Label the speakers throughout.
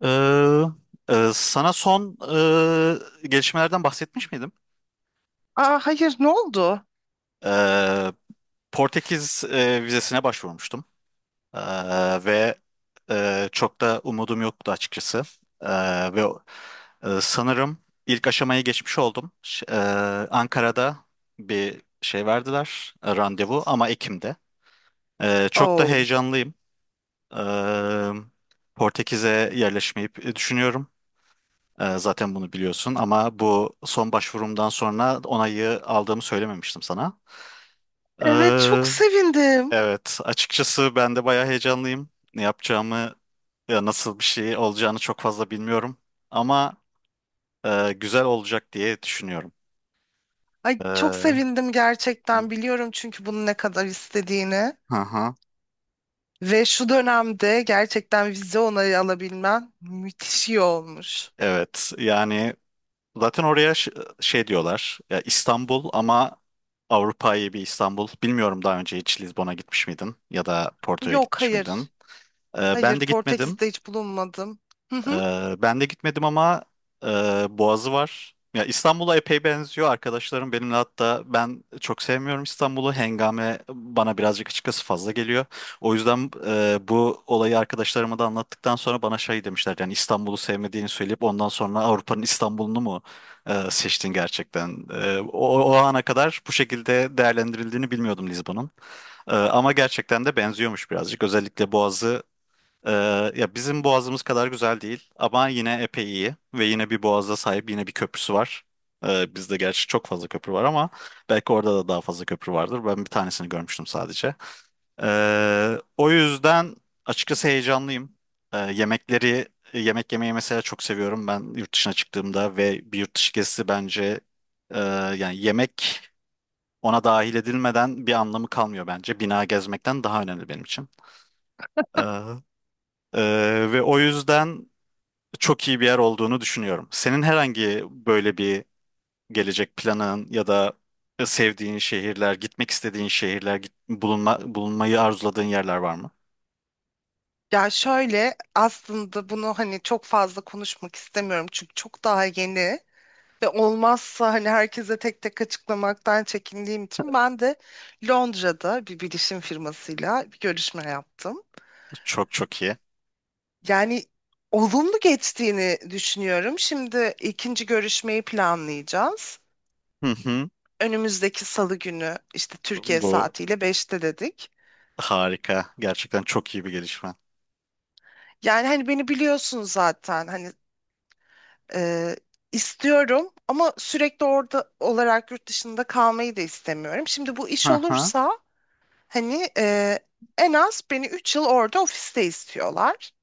Speaker 1: Ee, sana son gelişmelerden bahsetmiş miydim?
Speaker 2: Aa, hayır, ne oldu?
Speaker 1: Ee, Portekiz vizesine başvurmuştum. Ee, ve Çok da umudum yoktu açıkçası. Ee, ve Sanırım ilk aşamayı geçmiş oldum. Ankara'da bir şey verdiler, randevu ama Ekim'de. Çok da
Speaker 2: Oh.
Speaker 1: heyecanlıyım. Ee, Portekiz'e yerleşmeyi düşünüyorum. Zaten bunu biliyorsun ama bu son başvurumdan sonra onayı aldığımı söylememiştim sana.
Speaker 2: Evet, çok
Speaker 1: Ee,
Speaker 2: sevindim.
Speaker 1: evet, açıkçası ben de bayağı heyecanlıyım. Ne yapacağımı, ya nasıl bir şey olacağını çok fazla bilmiyorum. Ama güzel olacak diye düşünüyorum.
Speaker 2: Ay, çok
Speaker 1: Hı
Speaker 2: sevindim gerçekten, biliyorum çünkü bunu ne kadar istediğini.
Speaker 1: hı,
Speaker 2: Ve şu dönemde gerçekten vize onayı alabilmen müthiş iyi olmuş.
Speaker 1: evet, yani zaten oraya şey diyorlar, ya İstanbul ama Avrupa'yı bir İstanbul. Bilmiyorum daha önce hiç Lizbon'a gitmiş miydin ya da Porto'ya
Speaker 2: Yok,
Speaker 1: gitmiş miydin?
Speaker 2: hayır. Hayır,
Speaker 1: Ben de gitmedim.
Speaker 2: Portekiz'de hiç bulunmadım. Hı hı.
Speaker 1: Ben de gitmedim ama e, Boğazı var. Ya İstanbul'a epey benziyor arkadaşlarım benimle hatta ben çok sevmiyorum İstanbul'u. Hengame bana birazcık açıkçası fazla geliyor. O yüzden bu olayı arkadaşlarıma da anlattıktan sonra bana şey demişler yani İstanbul'u sevmediğini söyleyip ondan sonra Avrupa'nın İstanbul'unu mu seçtin gerçekten? O ana kadar bu şekilde değerlendirildiğini bilmiyordum Lizbon'un. Ama gerçekten de benziyormuş birazcık. Özellikle Boğazı, ee, ya bizim boğazımız kadar güzel değil ama yine epey iyi ve yine bir boğaza sahip, yine bir köprüsü var. Bizde gerçi çok fazla köprü var ama belki orada da daha fazla köprü vardır. Ben bir tanesini görmüştüm sadece. O yüzden açıkçası heyecanlıyım. Yemekleri, yemek yemeyi mesela çok seviyorum. Ben yurt dışına çıktığımda ve bir yurt dışı gezisi bence e, yani yemek ona dahil edilmeden bir anlamı kalmıyor bence. Bina gezmekten daha önemli benim için. Ee, ve o yüzden çok iyi bir yer olduğunu düşünüyorum. Senin herhangi böyle bir gelecek planın ya da sevdiğin şehirler, gitmek istediğin şehirler, bulunma, bulunmayı arzuladığın yerler var mı?
Speaker 2: Ya şöyle, aslında bunu hani çok fazla konuşmak istemiyorum çünkü çok daha yeni. Ve olmazsa hani herkese tek tek açıklamaktan çekindiğim için ben de Londra'da bir bilişim firmasıyla bir görüşme yaptım.
Speaker 1: Çok çok iyi.
Speaker 2: Yani olumlu geçtiğini düşünüyorum. Şimdi ikinci görüşmeyi planlayacağız.
Speaker 1: Hı hı.
Speaker 2: Önümüzdeki salı günü işte Türkiye
Speaker 1: Bu
Speaker 2: saatiyle beşte dedik.
Speaker 1: harika. Gerçekten çok iyi bir gelişme.
Speaker 2: Yani hani beni biliyorsun zaten, hani, e, istiyorum ama sürekli orada olarak yurt dışında kalmayı da istemiyorum. Şimdi bu iş
Speaker 1: Hı hı.
Speaker 2: olursa, hani, en az beni 3 yıl orada ofiste istiyorlar.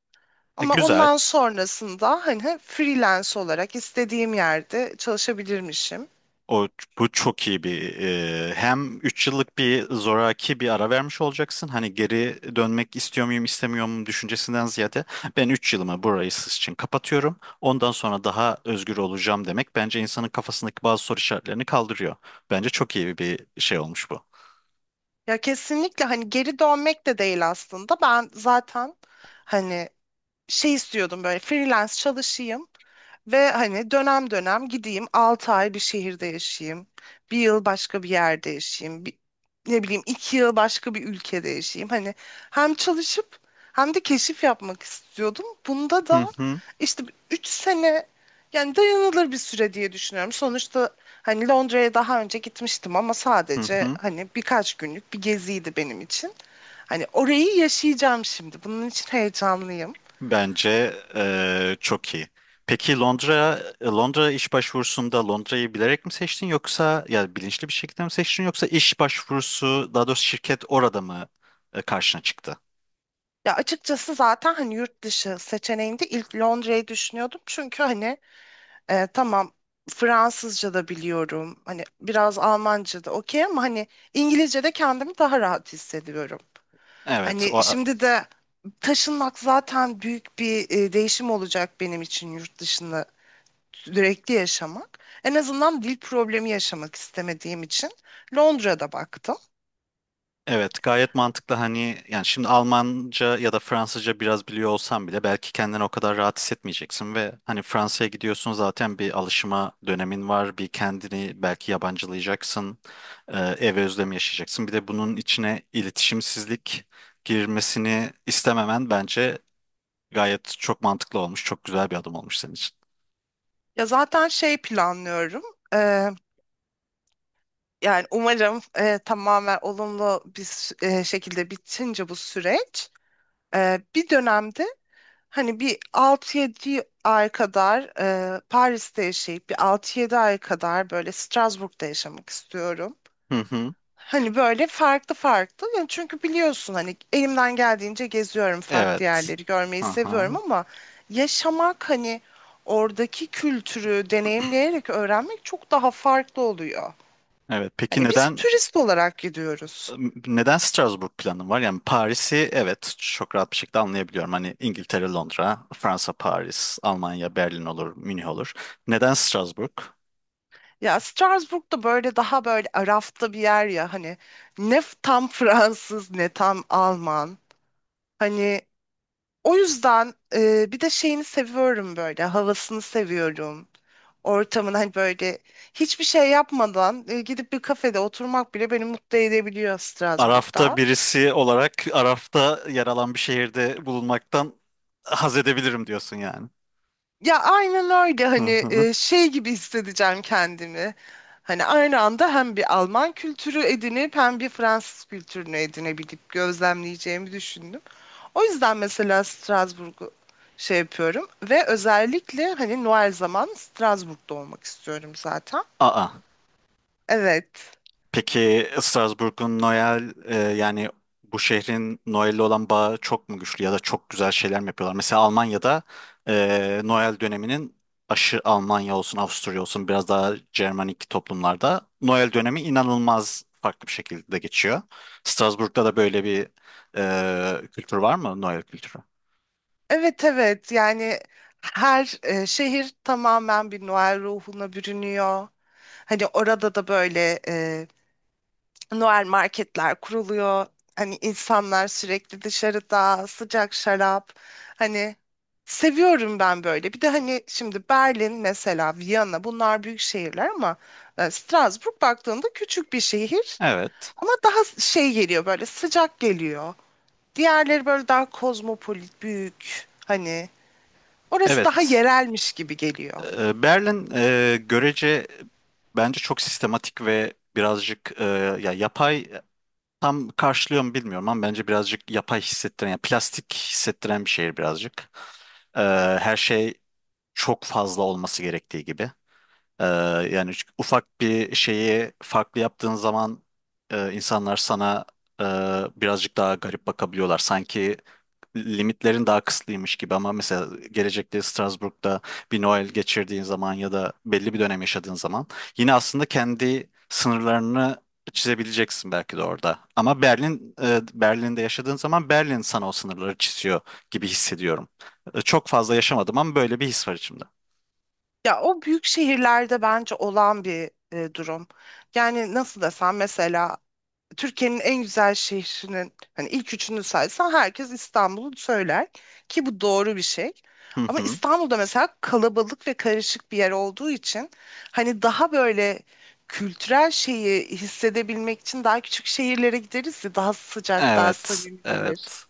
Speaker 2: Ama
Speaker 1: Güzel.
Speaker 2: ondan sonrasında hani freelance olarak istediğim yerde çalışabilirmişim.
Speaker 1: O, bu çok iyi bir hem 3 yıllık bir zoraki bir ara vermiş olacaksın. Hani geri dönmek istiyor muyum istemiyor muyum düşüncesinden ziyade ben 3 yılımı burayı siz için kapatıyorum. Ondan sonra daha özgür olacağım demek bence insanın kafasındaki bazı soru işaretlerini kaldırıyor. Bence çok iyi bir şey olmuş bu.
Speaker 2: Ya kesinlikle, hani, geri dönmek de değil aslında. Ben zaten hani şey istiyordum, böyle freelance çalışayım ve hani dönem dönem gideyim, 6 ay bir şehirde yaşayayım. Bir yıl başka bir yerde yaşayayım. Ne bileyim, 2 yıl başka bir ülkede yaşayayım. Hani hem çalışıp hem de keşif yapmak istiyordum. Bunda
Speaker 1: Hı
Speaker 2: da
Speaker 1: hı,
Speaker 2: işte 3 sene, yani, dayanılır bir süre diye düşünüyorum. Sonuçta hani Londra'ya daha önce gitmiştim ama
Speaker 1: hı
Speaker 2: sadece
Speaker 1: hı.
Speaker 2: hani birkaç günlük bir geziydi benim için. Hani orayı yaşayacağım şimdi. Bunun için heyecanlıyım.
Speaker 1: Bence çok iyi. Peki Londra, Londra iş başvurusunda Londra'yı bilerek mi seçtin yoksa ya bilinçli bir şekilde mi seçtin yoksa iş başvurusu daha doğrusu şirket orada mı karşına çıktı?
Speaker 2: Ya açıkçası zaten hani yurt dışı seçeneğinde ilk Londra'yı düşünüyordum. Çünkü hani, tamam, Fransızca da biliyorum. Hani biraz Almanca da okey ama hani İngilizce de kendimi daha rahat hissediyorum.
Speaker 1: Evet,
Speaker 2: Hani
Speaker 1: o.
Speaker 2: şimdi de taşınmak zaten büyük bir, değişim olacak benim için, yurt dışında sürekli yaşamak. En azından dil problemi yaşamak istemediğim için Londra'da baktım.
Speaker 1: Evet, gayet mantıklı hani yani şimdi Almanca ya da Fransızca biraz biliyor olsan bile belki kendini o kadar rahat hissetmeyeceksin ve hani Fransa'ya gidiyorsun zaten bir alışma dönemin var, bir kendini belki yabancılayacaksın, ev özlemi yaşayacaksın, bir de bunun içine iletişimsizlik girmesini istememen bence gayet çok mantıklı olmuş, çok güzel bir adım olmuş senin için.
Speaker 2: Ya zaten şey planlıyorum. Eee, Yani umarım tamamen olumlu bir şekilde bitince bu süreç, bir dönemde hani bir 6 yedi ay kadar, Paris'te yaşayıp bir 6 yedi ay kadar böyle Strasbourg'da yaşamak istiyorum.
Speaker 1: Hı hı.
Speaker 2: Hani böyle farklı farklı. Yani çünkü biliyorsun hani elimden geldiğince geziyorum, farklı
Speaker 1: Evet.
Speaker 2: yerleri görmeyi seviyorum
Speaker 1: Aha.
Speaker 2: ama yaşamak, hani oradaki kültürü deneyimleyerek öğrenmek çok daha farklı oluyor.
Speaker 1: Evet. Peki
Speaker 2: Hani biz
Speaker 1: neden,
Speaker 2: turist olarak gidiyoruz.
Speaker 1: neden Strasbourg planın var? Yani Paris'i evet çok rahat bir şekilde anlayabiliyorum. Hani İngiltere, Londra, Fransa, Paris, Almanya, Berlin olur, Münih olur. Neden Strasbourg?
Speaker 2: Ya Strasbourg da böyle daha böyle arafta bir yer ya, hani, ne tam Fransız ne tam Alman. Hani, o yüzden, bir de şeyini seviyorum, böyle havasını seviyorum. Ortamın, hani, böyle hiçbir şey yapmadan, gidip bir kafede oturmak bile beni mutlu edebiliyor
Speaker 1: Araf'ta
Speaker 2: Strasbourg'da.
Speaker 1: birisi olarak Araf'ta yer alan bir şehirde bulunmaktan haz edebilirim diyorsun yani.
Speaker 2: Ya aynen öyle,
Speaker 1: Hı
Speaker 2: hani,
Speaker 1: hı.
Speaker 2: şey gibi hissedeceğim kendimi. Hani aynı anda hem bir Alman kültürü edinip hem bir Fransız kültürünü edinebilip gözlemleyeceğimi düşündüm. O yüzden mesela Strasbourg'u şey yapıyorum ve özellikle hani Noel zaman Strasbourg'da olmak istiyorum zaten.
Speaker 1: Aa.
Speaker 2: Evet.
Speaker 1: Peki Strasbourg'un Noel, yani bu şehrin Noel'le olan bağı çok mu güçlü ya da çok güzel şeyler mi yapıyorlar? Mesela Almanya'da, Noel döneminin aşı Almanya olsun Avusturya olsun biraz daha Cermanik toplumlarda Noel dönemi inanılmaz farklı bir şekilde geçiyor. Strasbourg'da da böyle bir kültür var mı? Noel kültürü.
Speaker 2: Evet, evet, yani her, şehir tamamen bir Noel ruhuna bürünüyor. Hani orada da böyle, Noel marketler kuruluyor. Hani insanlar sürekli dışarıda sıcak şarap. Hani, seviyorum ben böyle. Bir de hani şimdi Berlin mesela, Viyana, bunlar büyük şehirler ama, Strasbourg baktığında küçük bir şehir.
Speaker 1: Evet.
Speaker 2: Ama daha şey geliyor, böyle sıcak geliyor. Diğerleri böyle daha kozmopolit, büyük. Hani orası daha
Speaker 1: Evet.
Speaker 2: yerelmiş gibi geliyor.
Speaker 1: Berlin, görece bence çok sistematik ve birazcık ya yapay. Tam karşılıyor mu bilmiyorum ama bence birazcık yapay hissettiren, yani plastik hissettiren bir şehir birazcık. Ee, Her şey çok fazla olması gerektiği gibi. Ee, Yani ufak bir şeyi farklı yaptığın zaman insanlar sana e, birazcık daha garip bakabiliyorlar. Sanki limitlerin daha kısıtlıymış gibi ama mesela gelecekte Strasbourg'da bir Noel geçirdiğin zaman ya da belli bir dönem yaşadığın zaman yine aslında kendi sınırlarını çizebileceksin belki de orada. Ama Berlin'de yaşadığın zaman Berlin sana o sınırları çiziyor gibi hissediyorum. Çok fazla yaşamadım ama böyle bir his var içimde.
Speaker 2: Ya o büyük şehirlerde bence olan bir, durum. Yani nasıl desem, mesela Türkiye'nin en güzel şehrinin hani ilk üçünü saysan herkes İstanbul'u söyler, ki bu doğru bir şey.
Speaker 1: Hı
Speaker 2: Ama
Speaker 1: hı.
Speaker 2: İstanbul'da mesela kalabalık ve karışık bir yer olduğu için hani daha böyle kültürel şeyi hissedebilmek için daha küçük şehirlere gideriz ya, daha sıcak, daha
Speaker 1: Evet,
Speaker 2: samimi gelir.
Speaker 1: evet.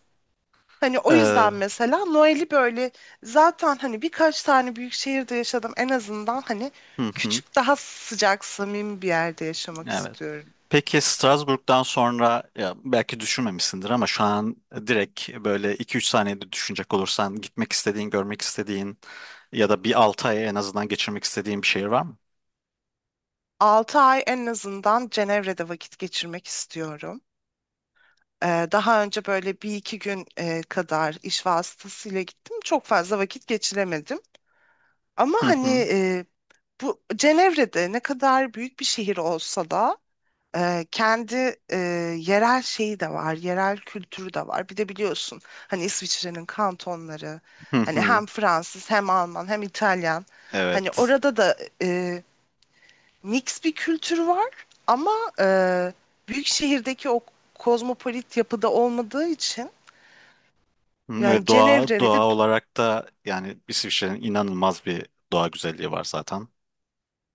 Speaker 2: Hani o
Speaker 1: Ee,
Speaker 2: yüzden mesela Noel'i böyle, zaten hani birkaç tane büyük şehirde yaşadım, en azından hani
Speaker 1: hı hı.
Speaker 2: küçük, daha sıcak, samimi bir yerde yaşamak
Speaker 1: Evet.
Speaker 2: istiyorum.
Speaker 1: Peki Strasbourg'dan sonra, ya belki düşünmemişsindir ama şu an direkt böyle iki üç saniyede düşünecek olursan gitmek istediğin, görmek istediğin ya da bir 6 ay en azından geçirmek istediğin bir şehir var mı?
Speaker 2: 6 ay en azından Cenevre'de vakit geçirmek istiyorum. Daha önce böyle bir iki gün, kadar iş vasıtasıyla gittim. Çok fazla vakit geçiremedim. Ama
Speaker 1: Hı
Speaker 2: hani,
Speaker 1: hı.
Speaker 2: bu Cenevre'de ne kadar büyük bir şehir olsa da, kendi, yerel şeyi de var, yerel kültürü de var. Bir de biliyorsun hani İsviçre'nin kantonları,
Speaker 1: Hı
Speaker 2: hani
Speaker 1: hı.
Speaker 2: hem Fransız, hem Alman, hem İtalyan. Hani
Speaker 1: Evet.
Speaker 2: orada da mix bir kültür var ama, eee, büyük şehirdeki o kozmopolit yapıda olmadığı için, yani
Speaker 1: Ve doğa,
Speaker 2: Cenevre'li ve
Speaker 1: doğa olarak da yani İsviçre'nin inanılmaz bir doğa güzelliği var zaten.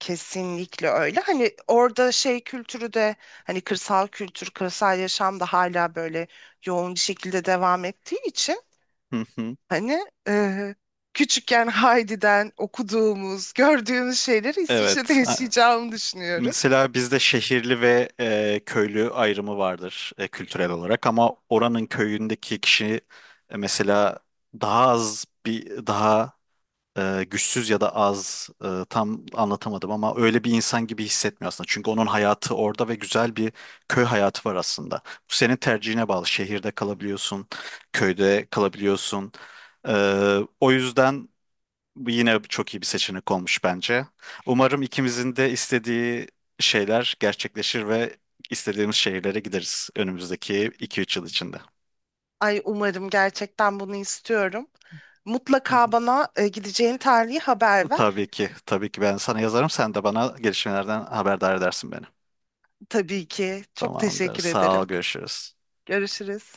Speaker 2: kesinlikle öyle. Hani orada şey kültürü de, hani kırsal kültür, kırsal yaşam da hala böyle yoğun bir şekilde devam ettiği için,
Speaker 1: Hı hı.
Speaker 2: hani, küçükken Heidi'den okuduğumuz, gördüğümüz şeyleri İsviçre'de
Speaker 1: Evet. Ha,
Speaker 2: yaşayacağımı düşünüyorum.
Speaker 1: mesela bizde şehirli ve köylü ayrımı vardır kültürel olarak ama oranın köyündeki kişi mesela daha az bir daha güçsüz ya da az, tam anlatamadım ama öyle bir insan gibi hissetmiyor aslında. Çünkü onun hayatı orada ve güzel bir köy hayatı var aslında. Bu senin tercihine bağlı. Şehirde kalabiliyorsun, köyde kalabiliyorsun. E, o yüzden. Bu yine çok iyi bir seçenek olmuş bence. Umarım ikimizin de istediği şeyler gerçekleşir ve istediğimiz şehirlere gideriz önümüzdeki iki üç yıl içinde.
Speaker 2: Ay umarım, gerçekten bunu istiyorum.
Speaker 1: Hı
Speaker 2: Mutlaka
Speaker 1: hı.
Speaker 2: bana, gideceğin tarihi haber ver.
Speaker 1: Tabii ki, tabii ki, ben sana yazarım. Sen de bana gelişmelerden haberdar edersin beni.
Speaker 2: Tabii ki. Çok
Speaker 1: Tamamdır.
Speaker 2: teşekkür
Speaker 1: Sağ ol,
Speaker 2: ederim.
Speaker 1: görüşürüz.
Speaker 2: Görüşürüz.